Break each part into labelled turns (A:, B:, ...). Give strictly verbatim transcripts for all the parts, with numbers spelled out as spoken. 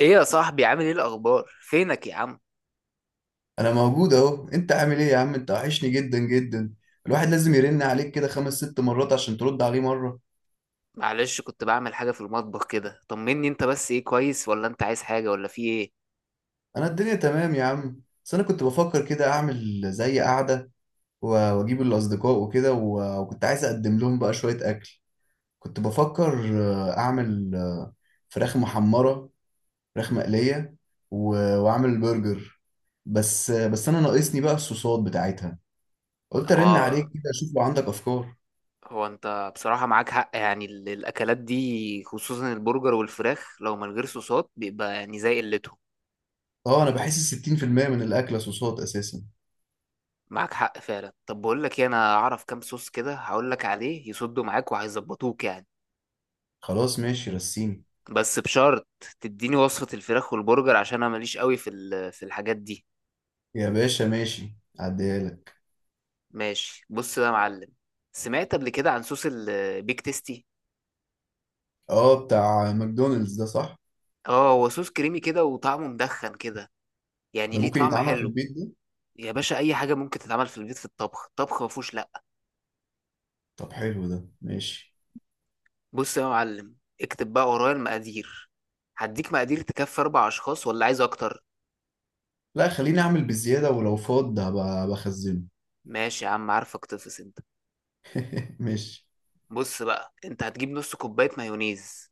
A: ايه يا صاحبي، عامل ايه؟ الاخبار؟ فينك يا عم؟
B: انا موجود اهو. انت عامل ايه يا عم؟ انت وحشني جدا جدا. الواحد لازم يرن عليك كده خمس ست مرات عشان ترد عليه مرة.
A: معلش، كنت بعمل حاجه في المطبخ كده. طمني انت بس، ايه؟ كويس ولا انت عايز حاجه ولا في ايه؟
B: انا الدنيا تمام يا عم، بس انا كنت بفكر كده اعمل زي قعدة و- واجيب الاصدقاء وكده و- وكنت عايز اقدم لهم بقى شوية اكل. كنت بفكر آه، اعمل آه، فراخ محمرة، فراخ مقلية، و- واعمل برجر. بس آه، بس انا ناقصني بقى الصوصات بتاعتها. قلت ارن
A: هو
B: عليك كده اشوف لو عندك افكار.
A: هو انت بصراحه معاك حق، يعني ال- الاكلات دي خصوصا البرجر والفراخ لو من غير صوصات بيبقى يعني زي قلتهم.
B: اه، انا بحس ستين في المية من الاكلة صوصات اساسا.
A: معاك حق فعلا. طب بقول لك ايه، انا اعرف كام صوص كده هقول لك عليه يصدوا معاك وهيظبطوك يعني.
B: خلاص ماشي، رسيني.
A: بس بشرط، تديني وصفه الفراخ والبرجر عشان انا ماليش قوي في ال- في الحاجات دي.
B: يا باشا ماشي، عديها لك.
A: ماشي، بص بقى يا معلم، سمعت قبل كده عن صوص البيك تيستي؟
B: اه، بتاع ماكدونالدز ده صح؟
A: اه، هو صوص كريمي كده وطعمه مدخن كده، يعني
B: ده
A: ليه
B: ممكن
A: طعم
B: يتعمل في
A: حلو.
B: البيت ده؟
A: يا باشا، اي حاجه ممكن تتعمل في البيت. في الطبخ، الطبخ ما فيهوش لا.
B: طب حلو، ده ماشي.
A: بص يا معلم، اكتب بقى ورايا المقادير. هديك مقادير تكفي اربع اشخاص، ولا عايز اكتر؟
B: لا، خليني اعمل بالزيادة، ولو فاض هبقى بخزنه.
A: ماشي يا عم، عارفك تفس انت.
B: ماشي،
A: بص بقى، انت هتجيب نص كوبايه مايونيز،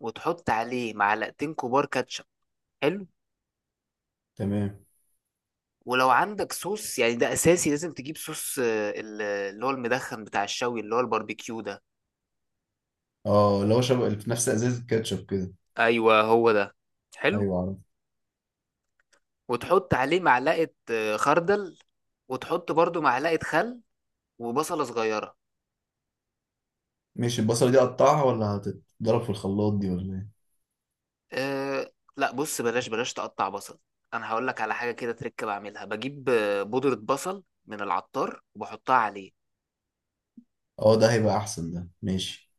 A: وتحط عليه معلقتين كبار كاتشب. حلو.
B: تمام.
A: ولو عندك صوص، يعني ده اساسي، لازم تجيب صوص آه، ال- اللي هو المدخن بتاع الشوي، اللي هو الباربيكيو ده.
B: اه، اللي هو شبه اللي في نفس ازازة كاتشب كده.
A: ايوه هو ده. حلو.
B: ايوه، عارف.
A: وتحط عليه معلقه آه، خردل. وتحط برضو معلقه خل. وبصله صغيره.
B: ماشي، البصلة دي اقطعها ولا هتتضرب في الخلاط دي ولا ايه؟
A: أه، لا، بص بلاش بلاش تقطع بصل. انا هقول لك على حاجه كده تركب، بعملها بجيب آه، بودره بصل من العطار وبحطها عليه.
B: اه، ده هيبقى احسن. ده ماشي.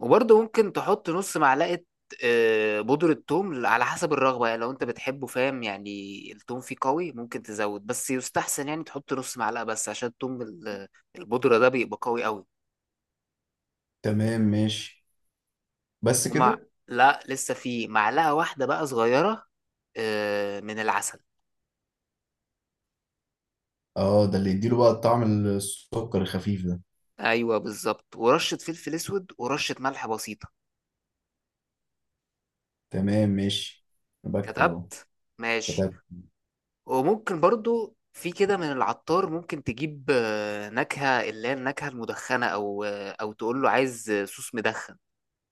A: وبرضه ممكن تحط نص معلقة آه، بودرة توم على حسب الرغبة، يعني لو انت بتحبه، فاهم، يعني التوم فيه قوي ممكن تزود، بس يستحسن يعني تحط نص معلقة بس عشان توم ال- البودرة ده بيبقى قوي قوي.
B: تمام، ماشي. بس
A: ومع
B: كده.
A: لا، لسه فيه معلقة واحدة بقى صغيرة آه، من العسل.
B: اه، ده اللي يديله بقى الطعم، السكر الخفيف ده.
A: ايوه بالظبط، ورشة فلفل اسود ورشة ملح بسيطة.
B: تمام، ماشي. بكتب اهو.
A: كتبت؟ ماشي. وممكن برضو في كده من العطار، ممكن تجيب آه، نكهة، اللي هي النكهة المدخنة، أو آه، أو تقول له عايز آه، صوص مدخن.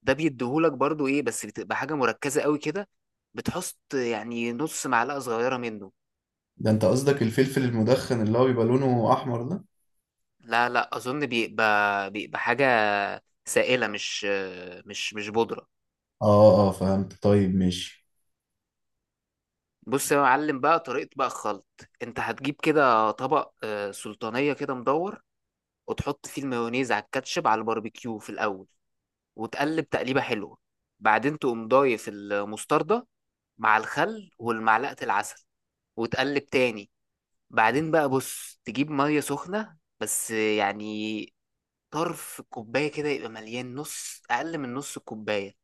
A: ده بيديهولك برضو إيه، بس بتبقى حاجة مركزة قوي كده. بتحط يعني نص معلقة صغيرة منه.
B: ده انت قصدك الفلفل المدخن اللي هو بيبقى لونه احمر ده؟
A: لا لا، أظن بيبقى بيبقى حاجة سائلة، مش آه، مش مش بودرة.
B: اه اه، فهمت. طيب ماشي.
A: بص يا معلم، بقى طريقة بقى الخلط. أنت هتجيب كده طبق آه، سلطانية كده مدور، وتحط فيه المايونيز على الكاتشب على الباربيكيو في الأول، وتقلب تقليبة حلوة. بعدين تقوم ضايف المستردة مع الخل والمعلقة العسل، وتقلب تاني. بعدين بقى بص تجيب مية سخنة، بس يعني طرف الكوباية كده يبقى مليان نص، أقل من نص الكوباية،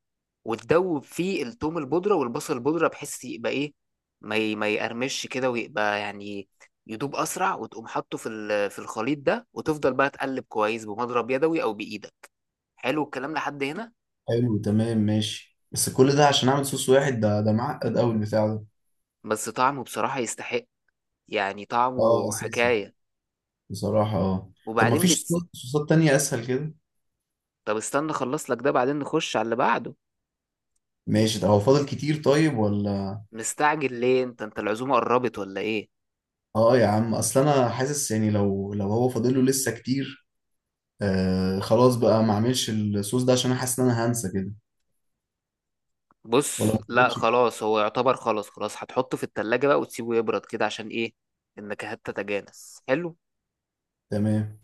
A: وتدوب فيه التوم البودرة والبصل البودرة بحيث يبقى إيه، ما ي- ما يقرمش كده، ويبقى يعني يدوب أسرع، وتقوم حاطه في ال- في الخليط ده، وتفضل بقى تقلب كويس بمضرب يدوي أو بإيدك. حلو الكلام لحد هنا.
B: حلو، تمام ماشي. بس كل ده عشان اعمل صوص واحد؟ ده ده معقد قوي البتاع ده.
A: بس طعمه بصراحة يستحق، يعني
B: اه،
A: طعمه
B: اساسي.
A: حكاية.
B: بصراحة اه. طب ما
A: وبعدين
B: فيش
A: بت...
B: صوصات صوصات تانية اسهل كده؟
A: طب استنى اخلص لك ده، بعدين نخش على اللي بعده.
B: ماشي. طب هو فاضل كتير طيب ولا؟
A: مستعجل ليه؟ انت انت العزومة قربت ولا ايه؟
B: اه، يا عم اصل انا حاسس يعني لو لو هو فاضله لسه كتير. آه خلاص بقى، ما اعملش الصوص ده، عشان انا حاسس ان انا هنسى كده. ولا ما
A: بص، لا
B: فاضلش كتير؟
A: خلاص، هو يعتبر خلاص خلاص، هتحطه في التلاجة بقى وتسيبه يبرد كده عشان ايه، النكهات تتجانس. حلو.
B: تمام.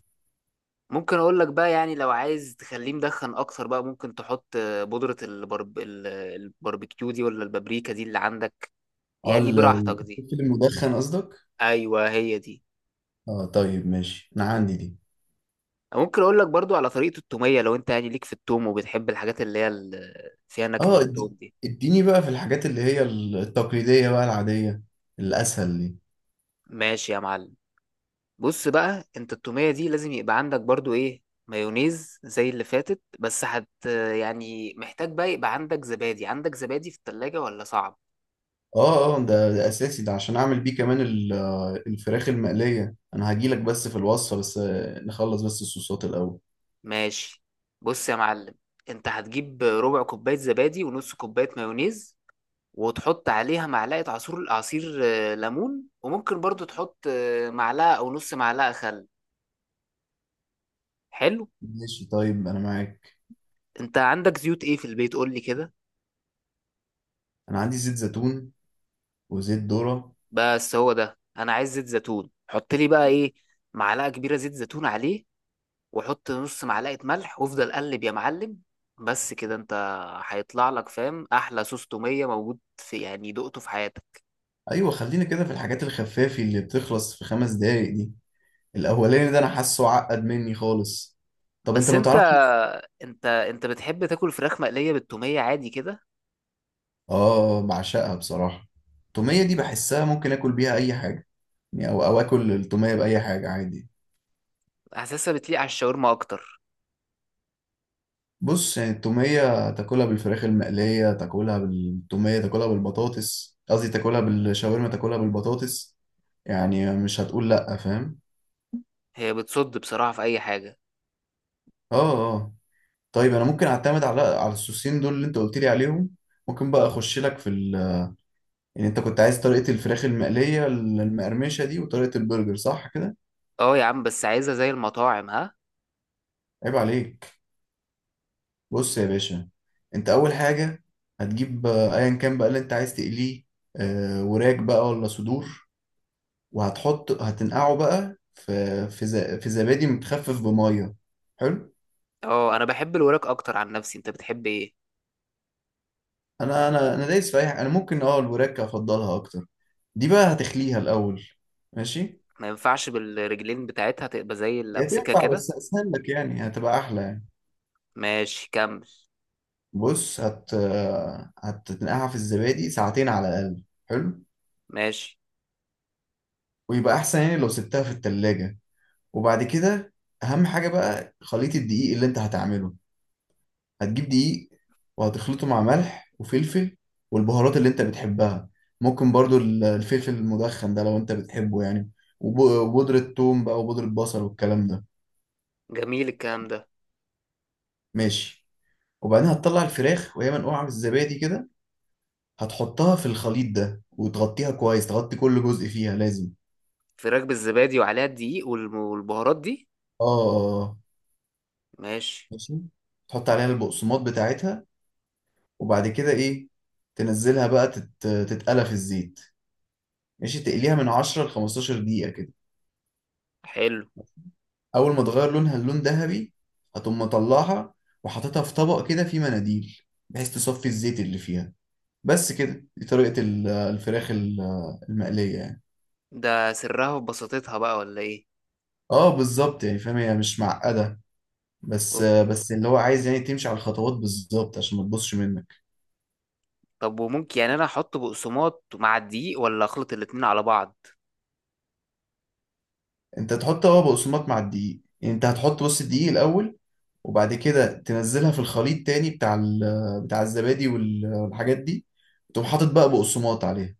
A: ممكن اقول لك بقى، يعني لو عايز تخليه مدخن اكتر بقى، ممكن تحط آه، بودرة البرب... ال- الباربيكيو دي، ولا البابريكا دي اللي عندك.
B: اه،
A: يعني
B: ال-
A: براحتك دي.
B: الفلفل المدخن قصدك؟
A: ايوه، هي دي.
B: اه، طيب ماشي، انا عندي دي.
A: ممكن اقول لك برضو على طريقة التومية، لو انت يعني ليك في التوم وبتحب الحاجات اللي هي ال- فيها نكهة
B: اه
A: التوم
B: اد-
A: دي.
B: اديني بقى في الحاجات اللي هي التقليدية، بقى العادية الأسهل دي.
A: ماشي يا معلم. بص بقى انت، التومية دي لازم يبقى عندك برضو ايه، مايونيز زي اللي فاتت، بس هت يعني محتاج بقى يبقى عندك زبادي عندك زبادي في التلاجة ولا صعب؟
B: اه اه، ده, ده أساسي، ده عشان أعمل بيه كمان ال- آه، الفراخ المقلية. أنا هجيلك بس في الوصفة، بس آه، نخلص بس الصوصات الأول.
A: ماشي، بص يا معلم، انت هتجيب ربع كوباية زبادي ونص كوباية مايونيز، وتحط عليها معلقة عصير عصير آه، ليمون، وممكن برضو تحط آه، معلقة او نص معلقة خل. حلو.
B: ماشي طيب، أنا معاك.
A: انت عندك زيوت ايه في البيت؟ قول لي كده.
B: أنا عندي زيت زيتون وزيت ذرة.
A: بس هو ده انا عايز، زيت زيتون، حط لي بقى ايه، معلقه كبيره زيت زيتون عليه، وحط نص معلقه ملح، وافضل قلب يا معلم. بس كده انت، هيطلع لك فاهم احلى صوص توميه موجود في، يعني، دقته في حياتك.
B: أيوة، خلينا كده في الحاجات الخفافي اللي بتخلص في خمس دقايق دي. الأولاني ده أنا حاسه عقد مني خالص. طب أنت
A: بس
B: ما
A: انت
B: تعرفش.
A: انت انت بتحب تاكل فراخ مقليه بالتوميه عادي كده.
B: اه، بعشقها بصراحة. التومية دي بحسها ممكن اكل بيها اي حاجة، يعني او او اكل التومية باي حاجة عادي.
A: حاسسها بتليق على الشاورما اكتر.
B: بص يعني، التومية تاكلها بالفراخ المقلية، تاكلها بالتومية، تاكلها بالبطاطس، قصدي تاكلها بالشاورما، تاكلها بالبطاطس. يعني مش هتقول لأ، فاهم.
A: هي بتصد بصراحه في اي حاجه.
B: اه اه. طيب انا ممكن اعتمد على على الصوصين دول اللي انت قلت لي عليهم. ممكن بقى اخش لك في ال... يعني انت كنت عايز طريقة الفراخ المقلية المقرمشة دي وطريقة البرجر، صح كده؟
A: اه يا عم، بس عايزها زي المطاعم، ها؟
B: عيب عليك. بص يا باشا، انت اول حاجه هتجيب آه، ايا كان بقى اللي انت عايز تقليه، آه، وراك بقى ولا صدور، وهتحط هتنقعه بقى في في ز- في زبادي متخفف بميه. حلو.
A: اه، انا بحب الوراك اكتر عن نفسي، انت بتحب ايه؟
B: انا انا انا دايس في اي حاجه، انا ممكن اه الوراك افضلها اكتر. دي بقى هتخليها الاول. ماشي،
A: ما ينفعش بالرجلين بتاعتها تبقى زي اللي
B: هي
A: امسكها
B: تنفع
A: كده؟
B: بس اسهل لك، يعني هتبقى احلى يعني.
A: ماشي، كمل.
B: بص هت آه، هتنقعها في الزبادي ساعتين على الاقل. حلو.
A: ماشي.
B: ويبقى احسن يعني لو سبتها في التلاجة. وبعد كده، اهم حاجه بقى خليط الدقيق اللي انت هتعمله. هتجيب دقيق وهتخلطه مع ملح وفلفل والبهارات اللي انت بتحبها. ممكن برضو ال- الفلفل المدخن ده لو انت بتحبه يعني. وب- وبودرة توم بقى وبودرة بصل والكلام ده.
A: جميل الكلام ده.
B: ماشي. وبعدين هتطلع الفراخ وهي منقوعة بالزبادي كده، هتحطها في الخليط ده وتغطيها كويس، تغطي كل جزء فيها لازم.
A: فراخ بالزبادي وعليها الدقيق والم- والبهارات دي.
B: اه اه آه.
A: ماشي.
B: ماشي. تحط عليها البقسماط بتاعتها، وبعد كده ايه، تنزلها بقى تت... تتقلى في الزيت. ماشي، تقليها من عشرة ل خمسة عشر دقيقة كده.
A: حلو.
B: أول ما تغير لونها للون ذهبي هتقوم مطلعها وحاططها في طبق كده فيه مناديل، بحيث تصفي الزيت اللي فيها. بس كده دي طريقة ال- الفراخ ال- المقلية يعني.
A: ده سرها في بساطتها بقى، ولا ايه؟
B: اه بالظبط، يعني فاهم، هي مش معقدة. بس
A: أوب.
B: بس اللي هو عايز يعني تمشي على الخطوات بالظبط عشان ما تبصش منك.
A: طب وممكن يعني انا احط بقسماط مع الدقيق ولا اخلط الاتنين على بعض؟
B: انت تحط هو بقسماط مع الدقيق. يعني انت هتحط بص الدقيق الأول، وبعد كده تنزلها في الخليط تاني بتاع ال- بتاع الزبادي وال- والحاجات دي، تقوم حاطط بقى بقسماط عليها.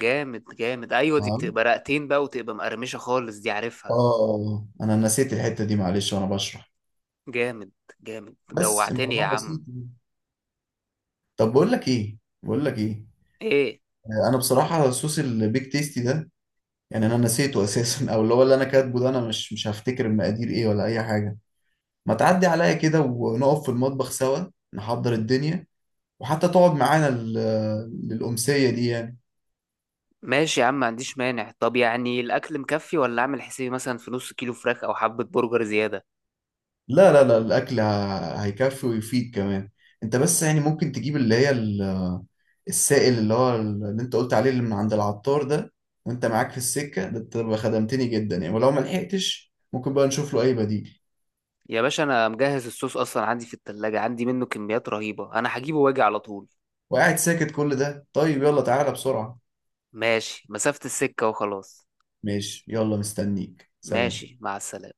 A: جامد جامد، ايوه دي
B: نعم.
A: بتبقى رقتين بقى وتبقى مقرمشة خالص، دي
B: اه
A: عارفها.
B: آه. انا نسيت الحتة دي معلش وانا بشرح.
A: جامد جامد،
B: بس
A: جوعتني يا
B: الموضوع بسيط
A: عم.
B: يعني. طب بقول لك ايه، بقول لك ايه.
A: ايه؟
B: آه، انا بصراحة صوص البيك تيستي ده، يعني انا نسيته اساسا. او اللي هو اللي انا كاتبه ده، انا مش مش هفتكر المقادير ايه ولا اي حاجة. ما تعدي عليا كده ونقف في المطبخ سوا، نحضر الدنيا، وحتى تقعد معانا لل- للأمسية دي يعني.
A: ماشي يا عم، ما عنديش مانع. طب يعني الاكل مكفي، ولا اعمل حسابي مثلا في نص كيلو فراخ او حبة برجر زيادة؟
B: لا لا لا، الاكل ه- هيكفي ويفيد كمان. انت بس يعني ممكن تجيب اللي هي السائل اللي هو اللي انت قلت عليه اللي من عند العطار ده، وانت معاك في السكة ده تبقى خدمتني جدا يعني، ولو ما لحقتش ممكن بقى نشوف له اي بديل.
A: يا باشا، انا مجهز الصوص اصلا عندي في التلاجة، عندي منه كميات رهيبة، انا هجيبه واجي على طول.
B: وقاعد ساكت كل ده؟ طيب يلا تعالى بسرعة.
A: ماشي، مسافة السكة وخلاص.
B: ماشي يلا، مستنيك، سلام.
A: ماشي، مع السلامة.